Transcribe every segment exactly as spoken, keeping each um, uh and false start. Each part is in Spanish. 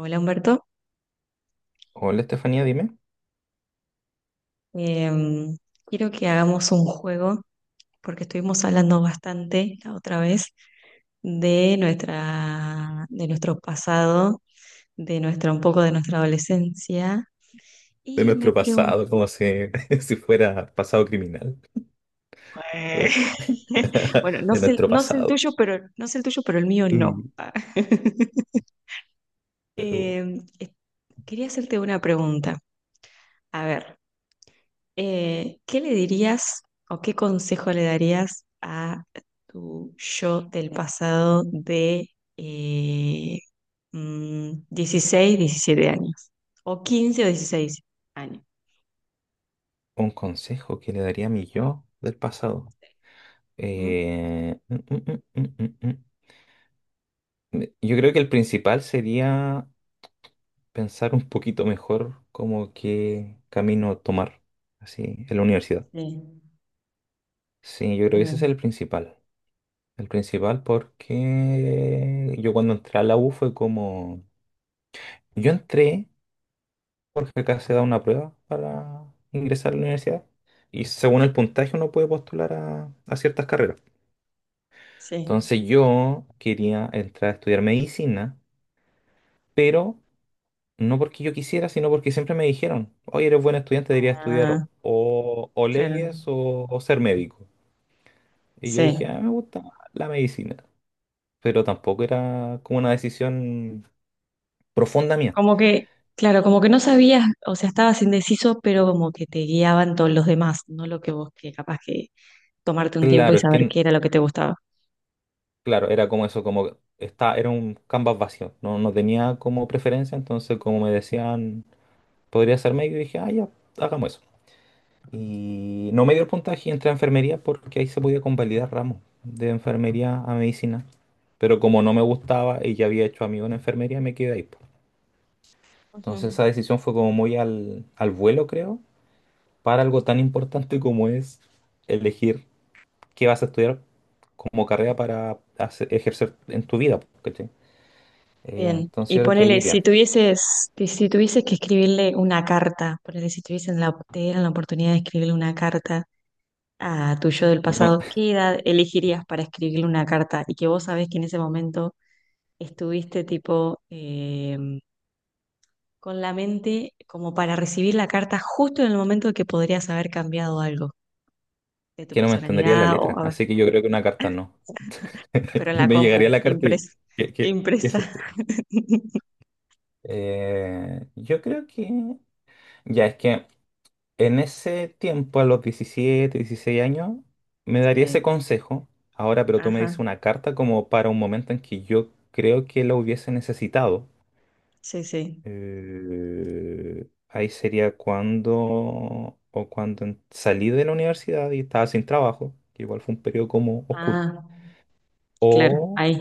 Hola, Humberto. Hola Estefanía, dime. Em, quiero que hagamos un juego porque estuvimos hablando bastante la otra vez de nuestra, de nuestro pasado, de nuestra, un poco de nuestra adolescencia De y me nuestro pregunto, pasado, como si, si fuera pasado criminal. bueno, no De sé, nuestro no sé el pasado. tuyo, pero no sé el tuyo, pero el mío no. Mm. Uh, Em, eh, quería hacerte una pregunta. A ver, Eh, ¿qué le dirías o qué consejo le darías a tu yo del pasado de eh, mm, dieciséis, diecisiete años? O quince o dieciséis años. Un consejo que le daría a mi yo del pasado. Ujú. Eh, mm, mm, mm, mm, mm, mm. Yo creo que el principal sería pensar un poquito mejor como qué camino tomar, así, en la universidad. Sí, Sí, yo creo es que ese es verdad. el principal. El principal porque yo cuando entré a la U fue como... Yo entré porque acá se da una prueba para ingresar a la universidad y según el puntaje uno puede postular a, a ciertas carreras. Sí. Entonces yo quería entrar a estudiar medicina, pero no porque yo quisiera, sino porque siempre me dijeron, oye, eres buen estudiante, deberías estudiar Ah, o, o claro. leyes o, o ser médico. Y yo Sí. dije, ah, me gusta la medicina, pero tampoco era como una decisión profunda mía. Como que, claro, como que no sabías, o sea, estabas indeciso, pero como que te guiaban todos los demás, no lo que vos, que capaz que tomarte un tiempo y Claro, es saber que qué era lo que te gustaba. Claro, era como eso, como está, era un canvas vacío, no, no tenía como preferencia, entonces como me decían, podría ser medio, dije, ah, ya, hagamos eso. Y no me dio el puntaje y entré a enfermería porque ahí se podía convalidar ramos de enfermería a medicina. Pero como no me gustaba y ya había hecho amigos en enfermería, me quedé ahí po. Entonces Ujú. esa decisión fue como muy al, al vuelo, creo, para algo tan importante como es elegir qué vas a estudiar como carrera para hacer- ejercer en tu vida, po, ¿cachai? Eh, Bien, Entonces y yo creo que ahí ponele, si iría. tuvieses, que- si tuvieses que escribirle una carta, ponele, si tuviesen la, te dieran la oportunidad de escribirle una carta a tu yo del No, pasado, ¿qué edad elegirías para escribirle una carta? Y que vos sabés que en ese momento estuviste tipo eh, con la mente como para recibir la carta justo en el momento que podrías haber cambiado algo de es tu que no me entendería la personalidad o letra, a ver, así que yo creo que una carta no. pero en la Me llegaría compu, la carta y... impresa, ¿Qué, qué, qué es impresa. esto? Eh, yo creo que... Ya, es que en ese tiempo, a los diecisiete, dieciséis años, me daría ese Sí, consejo. Ahora, pero tú me ajá, dices una carta como para un momento en que yo creo que lo hubiese necesitado. sí, sí. Eh, ahí sería cuando o cuando en- salí de la universidad y estaba sin trabajo, que igual fue un periodo como oscuro. Ah, claro, O, ahí.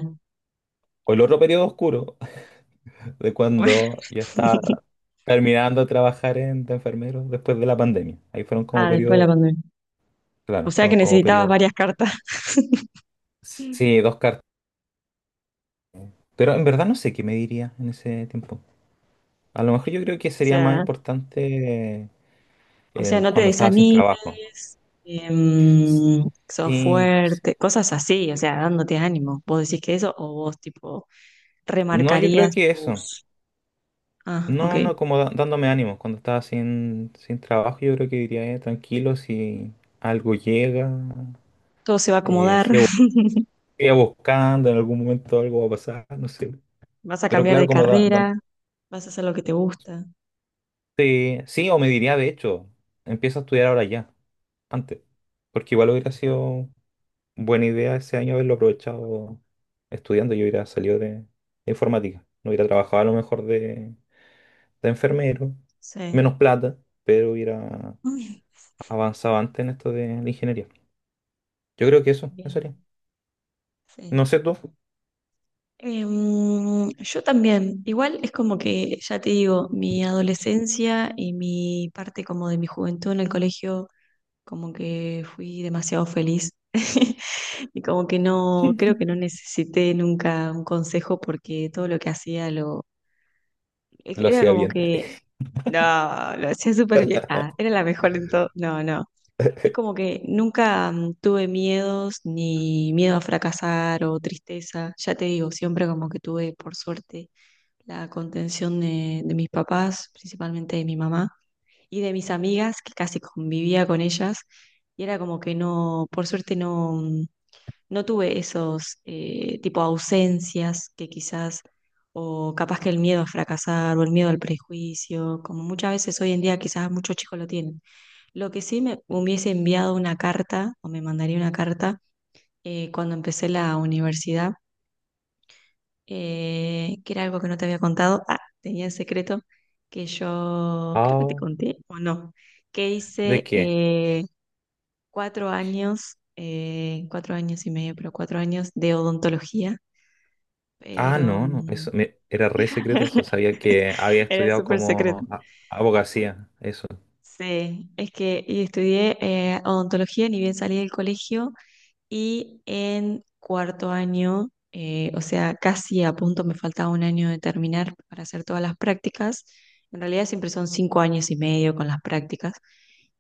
o el otro periodo oscuro de Bueno. cuando ya estaba terminando de trabajar en, de enfermero después de la pandemia. Ahí fueron como Ah, después de la periodos, pandemia. O claro, sea que fueron como necesitabas periodos. varias cartas. Sí, dos cartas. Pero en verdad no sé qué me diría en ese tiempo. A lo mejor yo creo que O sería más sea, importante eh, o sea, en- no te cuando estaba sin trabajo. desanimes, em, sos Sí, fuerte, cosas así, o sea, dándote ánimo. ¿Vos decís que eso o vos tipo no, yo creo remarcarías que eso. tus...? Ah, ok. No, no, como da- dándome ánimos. Cuando estaba sin, sin trabajo, yo creo que diría, eh, tranquilo, si algo llega, Todo se va a eh, acomodar, sigo, sigo buscando, en algún momento algo va a pasar, no sé. vas a Pero cambiar claro, de como da, carrera, dan- vas a hacer lo que te gusta. sí, sí, o me diría, de hecho, empieza a estudiar ahora ya, antes. Porque igual hubiera sido buena idea ese año haberlo aprovechado estudiando. Yo hubiera salido de, de informática. No hubiera trabajado a lo mejor de, de enfermero, Sí. menos plata, pero hubiera Uy, avanzado antes en esto de la ingeniería. Yo creo que eso, eso bien, haría. No sí. sé tú, Em, yo también, igual es como que, ya te digo, mi adolescencia y mi parte como de mi juventud en el colegio, como que fui demasiado feliz y como que no, creo que no necesité nunca un consejo porque todo lo que hacía lo, lo era hacía como bien. que, no, lo hacía súper bien, ah, era la mejor en todo, no, no. Es como que nunca mm, tuve miedos, ni miedo a fracasar o tristeza. Ya te digo, siempre como que tuve, por suerte, la contención de, de mis papás, principalmente de mi mamá, y de mis amigas, que casi convivía con ellas, y era como que no, por suerte no, mm, no tuve esos eh, tipo ausencias que quizás, o capaz que el miedo a fracasar, o el miedo al prejuicio, como muchas veces hoy en día quizás muchos chicos lo tienen. Lo que sí me hubiese enviado una carta, o me mandaría una carta, eh, cuando empecé la universidad, eh, que era algo que no te había contado. Ah, tenía en secreto que yo, creo que te Ah, conté o no, que ¿de hice qué? eh, cuatro años, eh, cuatro años y medio, pero cuatro años de odontología, Ah, pero no, no, mm, eso me- era re secreto eso. Sabía que había era estudiado súper secreto. como a- abogacía, eso, Sí, es que y estudié eh, odontología, ni bien salí del colegio. Y en cuarto año, eh, o sea, casi a punto me faltaba un año de terminar para hacer todas las prácticas. En realidad siempre son cinco años y medio con las prácticas.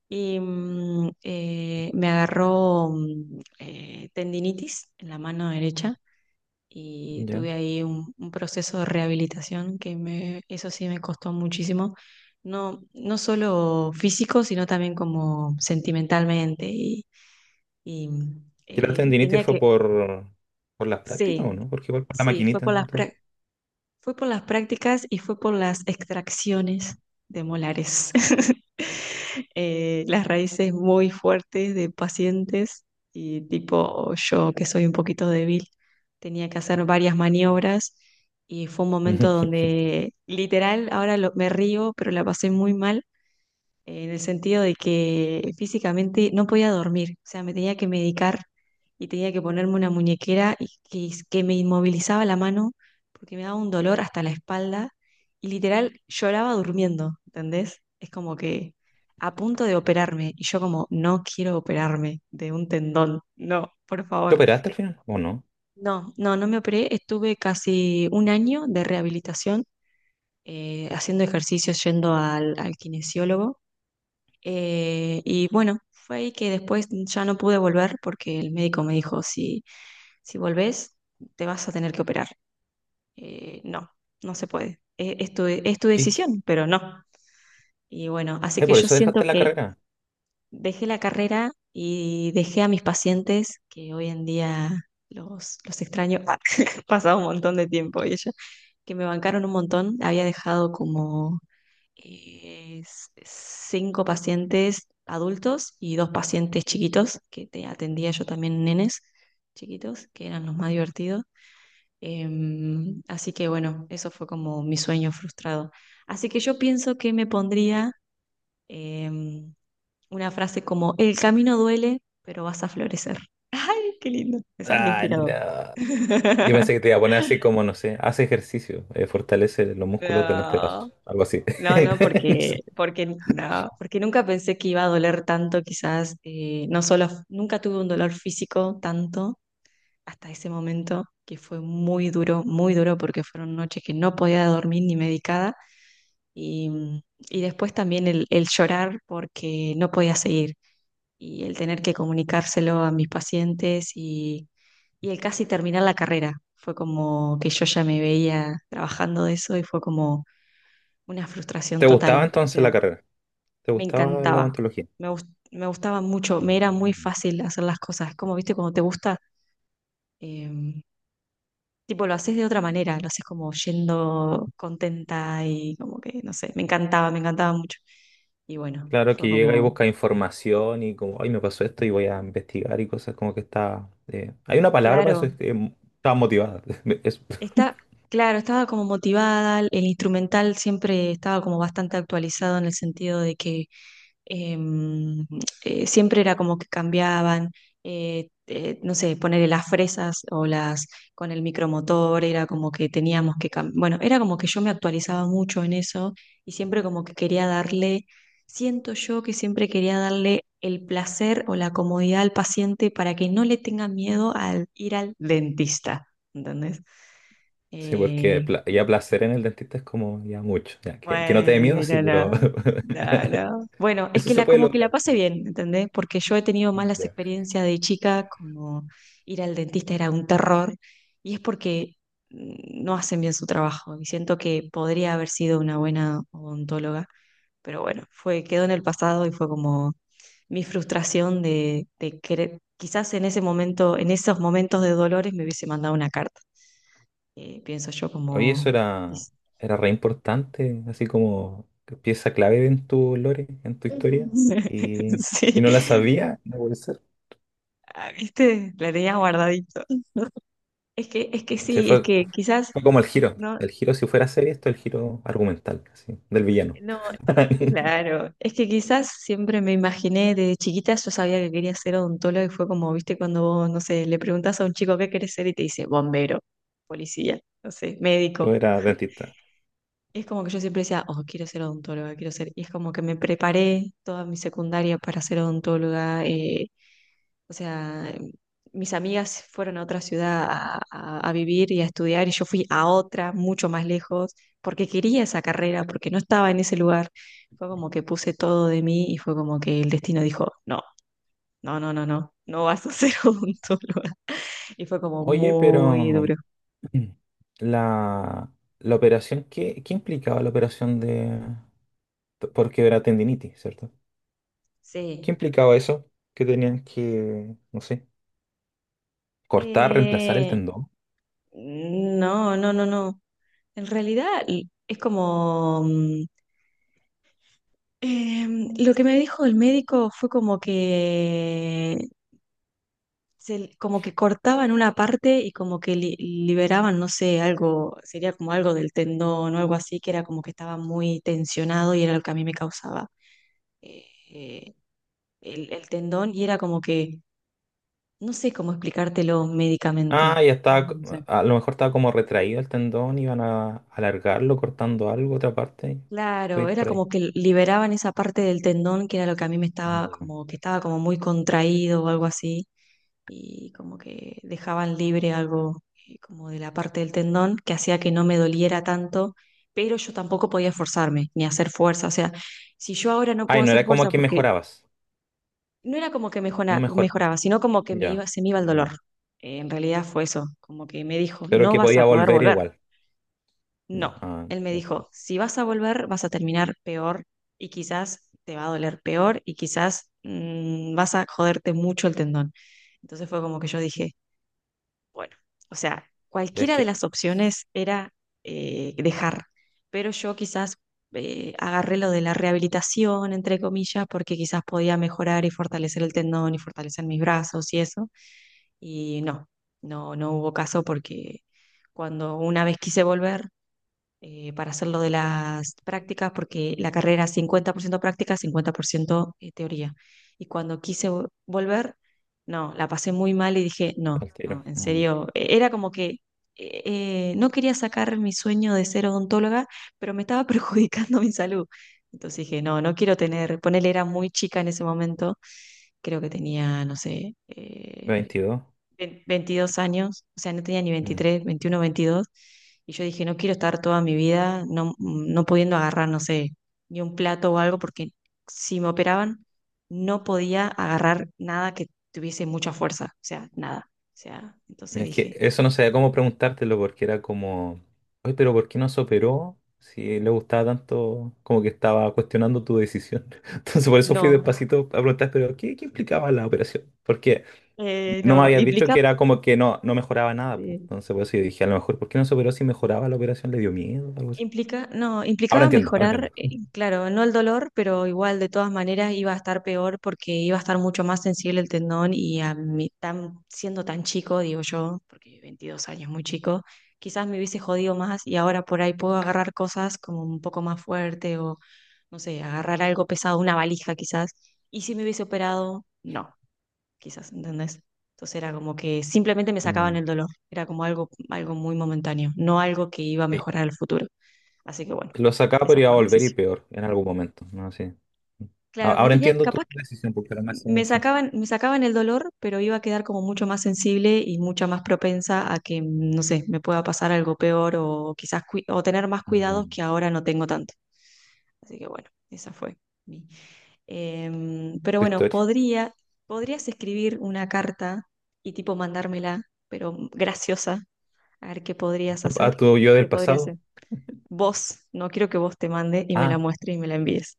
Y mm, eh, me agarró mm, eh, tendinitis en la mano derecha y ya. tuve ahí un, un proceso de rehabilitación que me, eso sí me costó muchísimo. No, no solo físico, sino también como sentimentalmente y, y, mm, ¿Y la eh, tendinitis tenía fue que. por, por las prácticas o Sí, no? Porque igual por la sí, fue por maquinita y las, todo. prá- fue por las prácticas y fue por las extracciones de molares. Eh, las raíces muy fuertes de pacientes y tipo yo que soy un poquito débil, tenía que hacer varias maniobras y fue un momento ¿Te donde literal, ahora lo- me río, pero la pasé muy mal en el sentido de que físicamente no podía dormir, o sea, me tenía que medicar y tenía que ponerme una muñequera y que, que me inmovilizaba la mano porque me daba un dolor hasta la espalda y literal lloraba durmiendo, ¿entendés? Es como que a punto de operarme y yo como, no quiero operarme de un tendón, no, por favor. operaste al final o no? No, no, no me operé, estuve casi un año de rehabilitación. eh, haciendo ejercicios, yendo al al kinesiólogo, eh, y bueno, fue ahí que después ya no pude volver porque el médico me dijo, si, si volvés, te vas a tener que operar. Eh, no, no se puede. E- Es, tu, es tu ¿Qué, qué? decisión, pero no. Y bueno, así Eh, que ¿Por yo eso siento dejaste la que carrera? dejé la carrera y dejé a mis pacientes, que hoy en día los, los extraño. Ha pasado un montón de tiempo y ellos que me bancaron un montón. Había dejado como eh, s- cinco pacientes adultos y dos pacientes chiquitos, que te atendía yo también nenes chiquitos, que eran los más divertidos. Em, así que bueno, eso fue como mi sueño frustrado. Así que yo pienso que me pondría em, una frase como, el camino duele, pero vas a florecer. ¡Ay, qué lindo! Me sale Ah, inspirador. no. Yo pensé que te iba a poner así como, no sé, hace ejercicio, eh, fortalece los músculos del No. antebrazo, algo así. No, no, No porque, sé. porque, no, porque nunca pensé que iba a doler tanto, quizás, eh, no solo, nunca tuve un dolor físico tanto hasta ese momento, que fue muy duro, muy duro, porque fueron noches que no podía dormir ni medicada, y, mm, y después también el, el llorar porque no podía seguir, y el tener que comunicárselo a mis pacientes, y, y el casi terminar la carrera, fue como que yo ya me veía trabajando de eso, y fue como una frustración ¿Te total. gustaba O entonces la sea, carrera? ¿Te me gustaba la encantaba. odontología? Me, gus- me gustaba mucho, me era muy Mm. fácil hacer las cosas. Es como, viste, cuando te gusta, em, tipo, lo haces de otra manera, lo haces como yendo contenta y como que, no sé, me encantaba, me encantaba mucho. Y bueno, Claro que fue llega y como, busca información y como, ay, me pasó esto y voy a investigar y cosas como que está... eh, Hay una palabra para eso, claro, es que mm, estaba motivada. Eso. está, claro, estaba como motivada, el instrumental siempre estaba como bastante actualizado en el sentido de que em, eh, siempre era como que cambiaban, eh, eh, no sé, ponerle las fresas o las con el micromotor, era como que teníamos que cambiar, bueno, era como que yo me actualizaba mucho en eso y siempre como que quería darle, siento yo que siempre quería darle el placer o la comodidad al paciente para que no le tenga miedo al ir al dentista, ¿entendés? Sí, porque Eh, pla- ya placer en el dentista es como ya mucho. Ya, que, que no te dé miedo, sí, Bueno, pero no, no, no. Bueno, es eso que se la puede como que la lograr. pasé bien, ¿entendés? Porque yo he tenido malas experiencias de chica, como ir al dentista era un terror, y es porque mm, no hacen bien su trabajo, y siento que podría haber sido una buena odontóloga, pero bueno, fue, quedó en el pasado y fue como mi frustración de, de querer, quizás en ese momento, en esos momentos de dolores me hubiese mandado una carta, eh, pienso yo Oye, eso como... era, era re importante, así como pieza clave en tu lore, en tu historia. Y, y Sí, no la sabía, no puede ser. Ah, ¿viste? La tenía guardadito. Es que, es que Se sí, es fue, que quizás, fue como el giro. no, El giro, si fuera serie, esto es el giro argumental, así, del villano. no, claro, es que quizás siempre me imaginé desde chiquita, yo sabía que quería ser odontólogo y fue como, viste, cuando vos, no sé, le preguntás a un chico qué querés ser y te dice bombero, policía, no sé, Tú médico. eras dentista. Y es como que yo siempre decía, oh, quiero ser odontóloga, quiero ser, y es como que me preparé toda mi secundaria para ser odontóloga. Eh, O sea, mis amigas fueron a otra ciudad a, a- a vivir y a estudiar y yo fui a otra, mucho más lejos, porque quería esa carrera, porque no estaba en ese lugar. Fue como que puse todo de mí y fue como que el destino dijo, no, no, no, no, no, no vas a ser odontóloga. Y fue como Oye, muy pero duro. la, la operación, ¿qué, qué implicaba la operación de... Porque era tendinitis, ¿cierto? ¿Qué Sí. implicaba eso? Que tenían que, no sé, cortar, reemplazar el Eh, tendón. no, no, no, no. En realidad l- es como... mm, em, lo que me dijo el médico fue como que se- como que cortaban una parte y como que li- liberaban, no sé, algo, sería como algo del tendón o algo así, que era como que estaba muy tensionado y era lo que a mí me causaba eh, eh, el, el tendón y era como que, no sé cómo explicártelo Ah, médicamente. ya estaba, No, co- no sé. a lo mejor estaba como retraído el tendón, iban a alargarlo cortando algo, otra parte. Puede Claro, ir era por ahí. como que liberaban esa parte del tendón que era lo que a mí me estaba Mm. como que estaba como muy contraído o algo así y como que dejaban libre algo, eh, como de la parte del tendón que hacía que no me doliera tanto, pero yo tampoco podía esforzarme ni hacer fuerza. O sea, si yo ahora no puedo Ay, no hacer era como fuerza, que porque mejorabas. no era como que No mejora- mejor. mejoraba, sino como que me Ya. iba, se me iba el Mm. dolor. Eh, en realidad fue eso, como que me dijo, Pero no que vas a podía poder volver volver. igual. No, Ya. Ah, él me entonces, dijo, si vas a volver, vas a terminar peor y quizás te va a doler peor y quizás mm, vas a joderte mucho el tendón. Entonces fue como que yo dije, bueno, o sea, ya es cualquiera de que. las opciones era eh, dejar, pero yo quizás eh, agarré lo de la rehabilitación, entre comillas, porque quizás podía mejorar y fortalecer el tendón y fortalecer mis brazos y eso, y no, no, no hubo caso porque cuando una vez quise volver, eh, para hacer lo de las prácticas, porque la carrera es cincuenta por ciento práctica, cincuenta por ciento teoría. Y cuando quise vo- volver, no, la pasé muy mal y dije, no, Al tiro. no, en Mm. serio, e- era como que eh, eh, no quería sacar mi sueño de ser odontóloga, pero me estaba perjudicando mi salud. Entonces dije, no, no quiero tener, ponele, era muy chica en ese momento, creo que tenía, no sé, eh, veintidós. ve- veintidós años, o sea, no tenía ni veintitrés veintiuno veintidós y yo dije, no quiero estar toda mi vida no, no pudiendo agarrar, no sé, ni un plato o algo, porque si me operaban, no podía agarrar nada que tuviese mucha fuerza, o sea, nada. O sea, entonces Es que dije, eso no sabía cómo preguntártelo porque era como, oye, pero ¿por qué no se operó? Si le gustaba tanto, como que estaba cuestionando tu decisión. Entonces por eso fui no, despacito a preguntar, pero ¿qué, qué implicaba la operación? Porque eh, no me no, habías dicho implicaba. que era como que no, no mejoraba nada pues. Entonces por eso yo dije, a lo mejor, ¿por qué no se operó si mejoraba la operación? ¿Le dio miedo o algo así? Implica, no, Ahora implicaba entiendo, ahora entiendo. mejorar, eh, claro, no el dolor, pero igual de todas maneras iba a estar peor porque iba a estar mucho más sensible el tendón y a mí, tan, siendo tan chico, digo yo, porque veintidós años, muy chico, quizás me hubiese jodido más y ahora por ahí puedo agarrar cosas como un poco más fuerte o, no sé, agarrar algo pesado, una valija quizás, y si me hubiese operado, no, quizás, ¿entendés? Entonces era como que simplemente me sacaban Mm, el dolor, era como algo, algo muy momentáneo, no algo que iba a sí. mejorar el futuro. Así que bueno, Lo sacaba, pero esa iba a fue mi volver y decisión. peor en algún momento, ¿no? Sí. A- Claro, me Ahora tenía, entiendo tu capaz que decisión porque ahora me hace me sentido. sacaban, me sacaban el dolor, pero iba a quedar como mucho más sensible y mucha más propensa a que, no sé, me pueda pasar algo peor o quizás cui- o tener más cuidados Mm, que ahora no tengo tanto. Así que bueno, esa fue mi. Em, pero tu bueno, historia. podría, podrías escribir una carta y tipo mandármela, pero graciosa, a ver qué podrías hacer, A tu yo qué del podrías pasado. hacer. Vos, no quiero que vos te mande y me la Ah, muestres y me la envíes.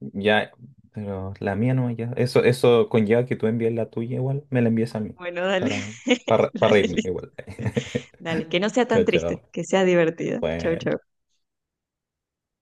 ya, pero la mía no, ya. Eso, eso conlleva que tú envíes la tuya igual, me la envíes a mí. Bueno, dale. Para, para, para Dale, reírme listo. igual. Dale, que no sea tan Chao, triste, chao. que sea divertida. Chau, chau. Bueno.